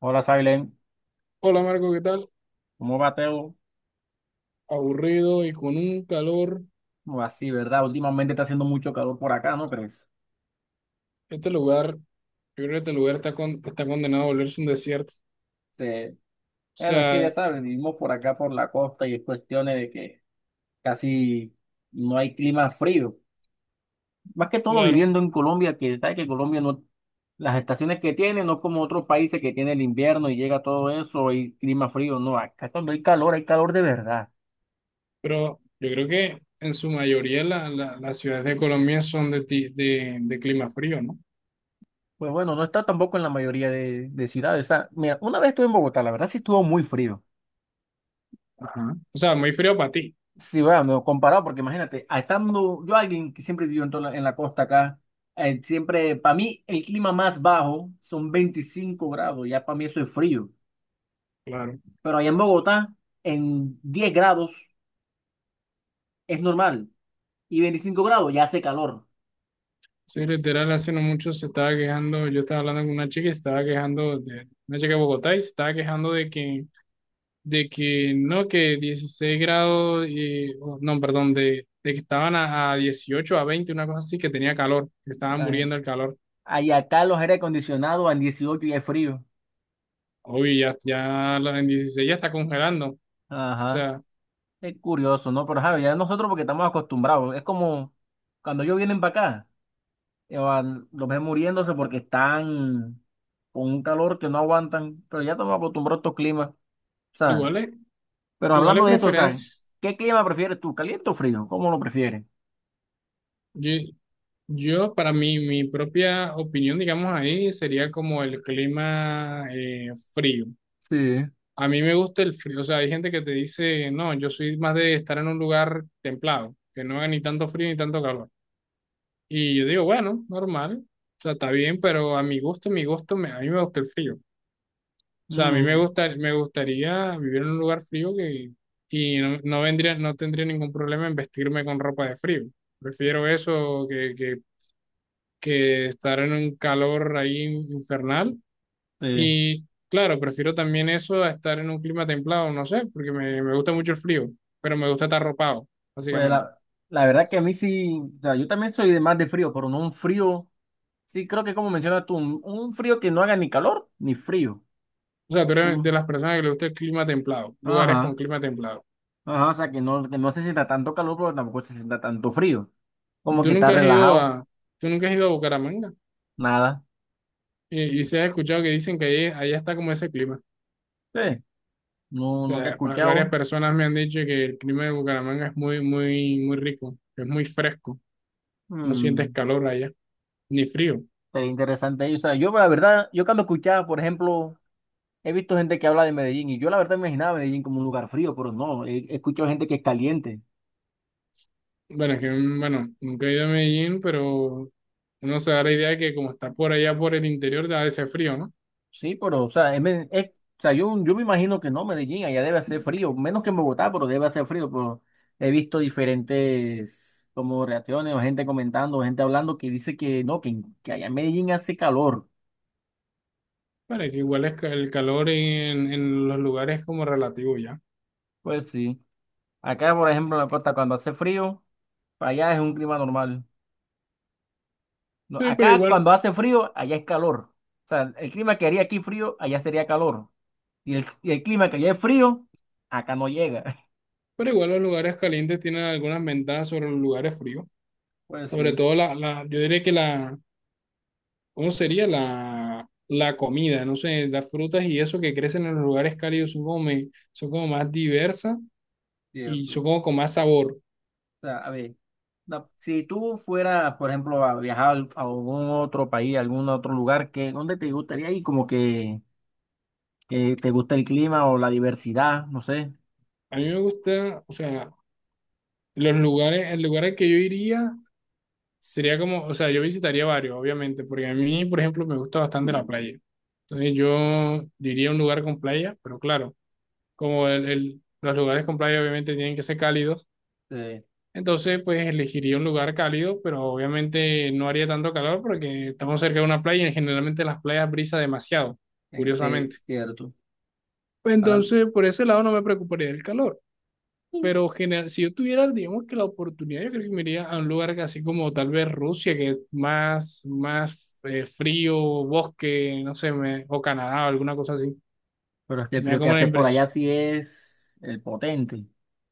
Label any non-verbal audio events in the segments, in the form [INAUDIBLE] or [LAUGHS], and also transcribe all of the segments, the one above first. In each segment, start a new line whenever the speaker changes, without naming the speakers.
Hola, Silent.
Hola Marco, ¿qué tal?
¿Cómo va, Teo?
Aburrido y con un calor.
¿Cómo va? Sí, ¿verdad? Últimamente está haciendo mucho calor por acá, ¿no crees?
Este lugar, yo creo que este lugar está, está condenado a volverse un desierto.
Este,
O
bueno, es que ya
sea,
sabes, vivimos por acá por la costa y es cuestiones de que casi no hay clima frío. Más que todo
claro,
viviendo en Colombia, que sabes que Colombia no, las estaciones que tiene, no como otros países que tiene el invierno y llega todo eso y clima frío. No, acá cuando hay calor de verdad.
pero yo creo que en su mayoría las ciudades de Colombia son de clima frío, ¿no?
Pues bueno, no está tampoco en la mayoría de ciudades. O sea, mira, una vez estuve en Bogotá, la verdad sí estuvo muy frío.
Ajá. O sea, muy frío para ti,
Sí, bueno, comparado, porque imagínate, a estando yo alguien que siempre vivió en, toda la, en la costa acá, siempre, para mí el clima más bajo son 25 grados, ya para mí eso es frío,
claro.
pero allá en Bogotá, en 10 grados es normal, y 25 grados ya hace calor.
Sí, literal, hace no mucho se estaba quejando, yo estaba hablando con una chica y se estaba quejando de una chica de Bogotá y se estaba quejando de que no, que 16 grados, oh, no, perdón, de que estaban a, 18, a 20 una cosa así, que tenía calor, que estaban
Ay,
muriendo el calor.
ahí acá los aire acondicionados en 18 ya es frío.
Obvio, ya, ya, en 16 ya está congelando. O
Ajá,
sea,
es curioso, ¿no? Pero Javi, ya nosotros porque estamos acostumbrados, es como cuando ellos vienen para acá, los ven muriéndose porque están con un calor que no aguantan, pero ya estamos acostumbrados a estos climas, o sea,
igual es,
pero
igual
hablando
es
de eso, o sea,
preferencia.
¿qué clima prefieres tú, caliente o frío? ¿Cómo lo prefieres?
Yo, yo, para mí, mi propia opinión, digamos ahí, sería como el clima frío.
Sí.
A mí me gusta el frío, o sea, hay gente que te dice, no, yo soy más de estar en un lugar templado, que no haga ni tanto frío ni tanto calor. Y yo digo, bueno, normal, o sea, está bien, pero a mi gusto, a mí me gusta el frío. O sea, a mí me
Mm,
gusta, me gustaría vivir en un lugar frío que, y no vendría, no tendría ningún problema en vestirme con ropa de frío. Prefiero eso que estar en un calor ahí infernal.
sí.
Y claro, prefiero también eso a estar en un clima templado, no sé, porque me gusta mucho el frío, pero me gusta estar ropado,
Pues
básicamente.
la verdad que a mí sí, o sea, yo también soy de más de frío, pero no un frío, sí, creo que como mencionas tú, un frío que no haga ni calor ni frío.
O sea, tú eres de
Un-
las personas que le gusta el clima templado, lugares con
ajá,
clima templado.
ajá, o sea, que no se sienta tanto calor, pero tampoco se sienta tanto frío. Como
Tú
que está
nunca has ido
relajado,
a, tú nunca has ido a Bucaramanga
nada.
y se ha escuchado que dicen que ahí, allá está como ese clima.
Sí,
O
no, nunca he
sea, varias
escuchado.
personas me han dicho que el clima de Bucaramanga es muy, muy, muy rico, que es muy fresco, no sientes
Mm,
calor allá, ni frío.
sería interesante. Y, o sea, yo la verdad, yo cuando escuchaba, por ejemplo, he visto gente que habla de Medellín y yo la verdad imaginaba Medellín como un lugar frío, pero no, he, he escuchado gente que es caliente.
Bueno, es que, bueno, nunca he ido a Medellín, pero uno se da la idea de que como está por allá, por el interior, da ese frío, ¿no?
Sí, pero, o sea, o sea, yo me imagino que no, Medellín, allá debe hacer frío, menos que en Bogotá, pero debe hacer frío, pero he visto diferentes como reacciones o gente comentando, gente hablando que dice que no, que allá en Medellín hace calor.
Bueno, que igual es el calor en los lugares como relativo ya.
Pues sí, acá, por ejemplo, en la costa, cuando hace frío, allá es un clima normal. No,
Sí,
acá cuando hace frío, allá es calor. O sea, el clima que haría aquí frío, allá sería calor. Y y el clima que allá es frío, acá no llega. [LAUGHS]
pero igual los lugares calientes tienen algunas ventajas sobre los lugares fríos.
Pues
Sobre
sí,
todo la, la, yo diría que ¿cómo sería? La comida, no sé, las frutas y eso que crecen en los lugares cálidos son como, son como más diversas y
cierto.
son
O
como con más sabor.
sea, a ver, si tú fueras, por ejemplo, a viajar a algún otro país, a algún otro lugar, ¿qué, dónde te gustaría ir? Como que te gusta el clima o la diversidad, no sé.
A mí me gusta, o sea, los lugares, el lugar al que yo iría sería como, o sea, yo visitaría varios, obviamente, porque a mí, por ejemplo, me gusta bastante la playa. Entonces yo diría un lugar con playa, pero claro, como los lugares con playa obviamente tienen que ser cálidos.
Sí,
Entonces, pues elegiría un lugar cálido, pero obviamente no haría tanto calor porque estamos cerca de una playa y generalmente las playas brisa demasiado,
sí,
curiosamente.
cierto.
Pues
Ahora,
entonces, por ese lado no me preocuparía del calor. Pero general, si yo tuviera, digamos que la oportunidad, yo creo que me iría a un lugar que así como tal vez Rusia, que es más, frío, bosque, no sé, o Canadá o alguna cosa así.
pero es que el
Me da
frío que
como la
hace por allá
impresión.
sí es el potente.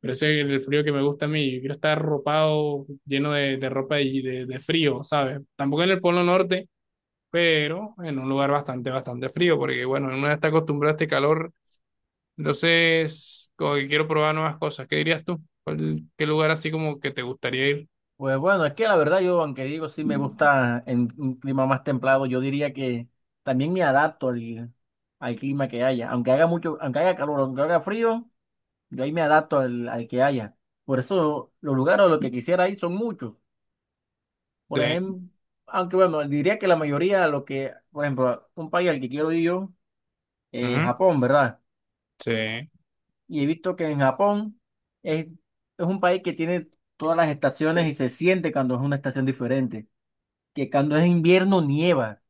Pero ese es el frío que me gusta a mí. Yo quiero estar arropado, lleno de ropa de frío, ¿sabes? Tampoco en el Polo Norte, pero en un lugar bastante, bastante frío, porque bueno, uno ya está acostumbrado a este calor. Entonces, como que quiero probar nuevas cosas. ¿Qué dirías tú? ¿Qué lugar así como que te gustaría ir?
Pues bueno, es que la verdad yo, aunque digo sí me gusta en un clima más templado, yo diría que también me adapto al, al clima que haya. Aunque haga mucho, aunque haga calor, aunque haga frío, yo ahí me adapto al que haya. Por eso los lugares a los que quisiera ir son muchos. Por
Sí,
ejemplo, aunque bueno, diría que la mayoría, lo que, por ejemplo, un país al que quiero ir yo, es
ujú,
Japón, ¿verdad?
sí,
Y he visto que en Japón es un país que tiene todas las estaciones y se siente cuando es una estación diferente, que cuando es invierno nieva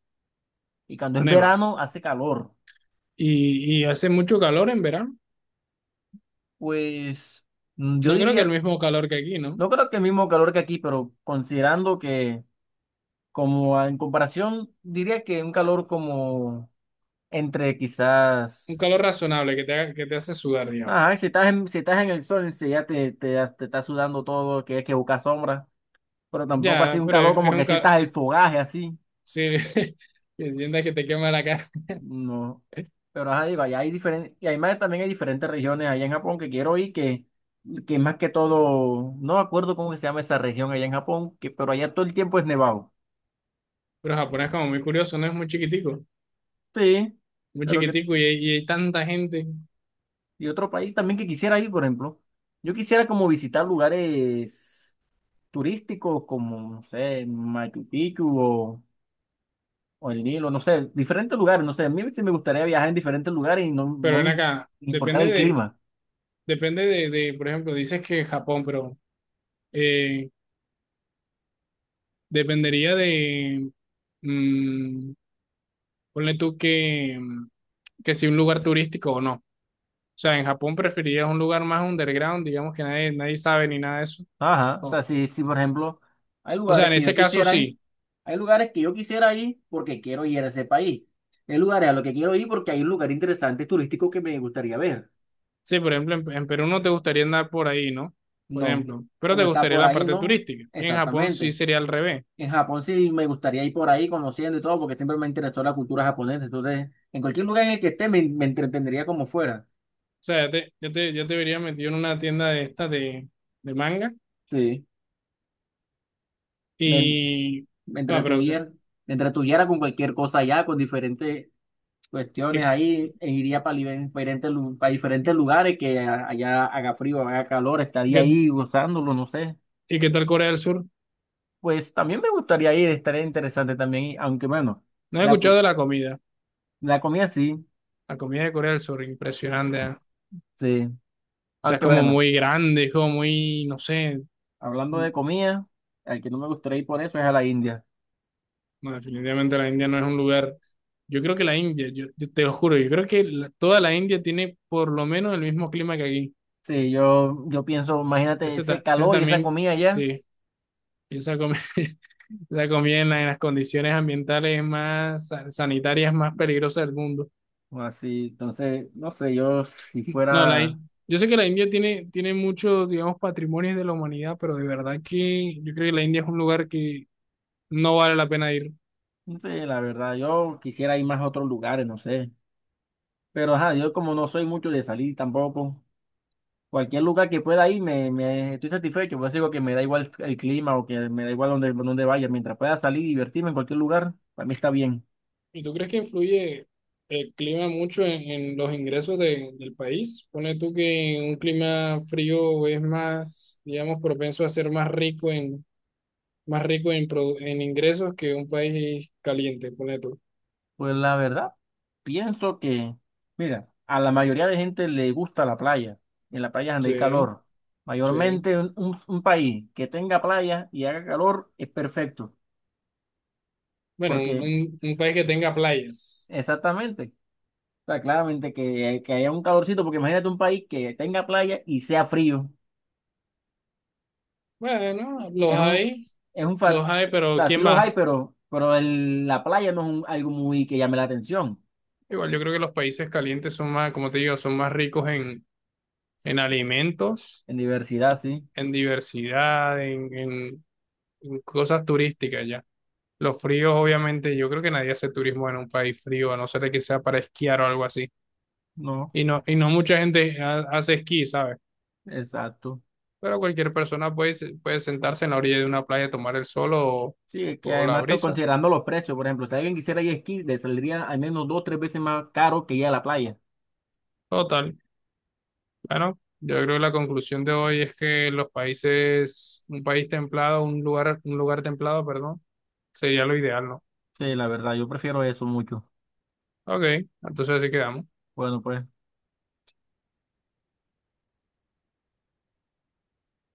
y cuando es
nevado.
verano hace calor.
Y hace mucho calor en verano.
Pues yo
No creo que el
diría,
mismo calor que aquí, ¿no?
no creo que el mismo calor que aquí, pero considerando que como en comparación, diría que un calor como entre
Un
quizás,
calor razonable que te hace sudar, digamos.
ajá, si estás en, si estás en el sol, si ya te está sudando todo, que es que busca sombra, pero tampoco así
Ya,
un
pero
calor
es
como que
un.
sientas el fogaje así.
Sí, [LAUGHS] que sientas que te quema la cara.
No, pero ajá, digo, allá hay diferentes, y además también hay diferentes regiones allá en Japón que quiero ir, que más que todo, no me acuerdo cómo que se llama esa región allá en Japón, que, pero allá todo el tiempo es nevado.
Pero Japón es como muy curioso, ¿no? Es
Sí,
muy
pero que,
chiquitico y hay tanta gente.
y otro país también que quisiera ir, por ejemplo, yo quisiera como visitar lugares turísticos como, no sé, Machu Picchu o el Nilo, no sé, diferentes lugares, no sé, a mí sí me gustaría viajar en diferentes lugares y no, no
Pero ven
me
acá, depende
importaría el
de,
clima.
depende de, de, por ejemplo, dices que Japón, pero eh, dependería de, mm, ponle tú que si un lugar turístico o no. O sea, en Japón preferirías un lugar más underground, digamos que nadie sabe ni nada de eso.
Ajá, o
O,
sea, sí, sí, por ejemplo, hay
o sea,
lugares
en
que yo
ese caso
quisiera ir,
sí.
hay lugares que yo quisiera ir porque quiero ir a ese país. Hay lugares a los que quiero ir porque hay un lugar interesante turístico que me gustaría ver.
Sí, por ejemplo, en Perú no te gustaría andar por ahí, ¿no? Por
No,
ejemplo, pero te
como está
gustaría
por
la
ahí,
parte
no,
turística. Y en Japón sí
exactamente.
sería al revés.
En Japón sí me gustaría ir por ahí conociendo y todo porque siempre me interesó la cultura japonesa. Entonces, en cualquier lugar en el que esté me entretendría como fuera.
O sea, ya te vería metido en una tienda de estas de manga
Sí, me,
y...
me
Ah, pero, o sea,
entretuviera, me entretuviera con cualquier cosa allá, con diferentes cuestiones
¿y,
ahí, e iría para diferentes, para diferentes
y
lugares que allá haga frío, haga calor, estaría
qué,
ahí gozándolo, no sé.
y qué tal Corea del Sur?
Pues también me gustaría ir, estaría interesante también, ir, aunque bueno,
No he
la,
escuchado de
cu-
la comida.
la comida sí,
La comida de Corea del Sur, impresionante. Ah.
sí,
O sea, es
aunque
como
bueno,
muy grande, es como muy, no sé.
hablando
No,
de comida, al que no me gustaría ir por eso es a la India.
definitivamente la India no es un lugar... Yo creo que la India, yo te lo juro, yo creo que toda la India tiene por lo menos el mismo clima que aquí.
Sí, yo pienso, imagínate
Ese,
ese
ta- ese
calor y esa
también,
comida allá,
sí. Y esa comida, [LAUGHS] esa comida en las condiciones ambientales más sanitarias más peligrosas del mundo.
así, entonces, no sé, yo si
No,
fuera,
yo sé que la India tiene muchos, digamos, patrimonios de la humanidad, pero de verdad que yo creo que la India es un lugar que no vale la pena ir.
no sé, la verdad, yo quisiera ir más a otros lugares, no sé. Pero ajá, yo como no soy mucho de salir tampoco, cualquier lugar que pueda ir me estoy satisfecho, pues digo que me da igual el clima o que me da igual donde, donde vaya, mientras pueda salir y divertirme en cualquier lugar, para mí está bien.
¿Y tú crees que influye el clima mucho en los ingresos del país? Pone tú que un clima frío es más, digamos, propenso a ser más rico en ingresos que un país caliente, ponle tú.
Pues la verdad, pienso que, mira, a la mayoría de gente le gusta la playa, en la playa donde hay
Sí,
calor.
sí.
Mayormente un, un país que tenga playa y haga calor es perfecto,
Bueno, un,
porque
un- un país que tenga playas.
exactamente, o sea, claramente que haya un calorcito, porque imagínate un país que tenga playa y sea frío.
Bueno,
Es un, es un, fa-
los hay,
o
pero
sea, sí
¿quién
los hay,
va?
pero la playa no es algo muy que llame la atención.
Igual yo creo que los países calientes son más, como te digo, son más ricos en alimentos,
En diversidad,
y-
sí.
en diversidad, en cosas turísticas ya. Los fríos, obviamente, yo creo que nadie hace turismo en un país frío, a no ser de que sea para esquiar o algo así.
No,
Y no mucha gente hace esquí, ¿sabes?
exacto.
Pero cualquier persona puede sentarse en la orilla de una playa a tomar el sol o,
Sí, es que
o la
además estoy
brisa.
considerando los precios, por ejemplo, si alguien quisiera ir a esquí, le saldría al menos dos o tres veces más caro que ir a la playa.
Total. Bueno, yo creo que la conclusión de hoy es que los países, un país templado, un lugar templado, perdón, sería lo ideal, ¿no?
Sí, la verdad, yo prefiero eso mucho.
Ok, entonces así quedamos.
Bueno, pues.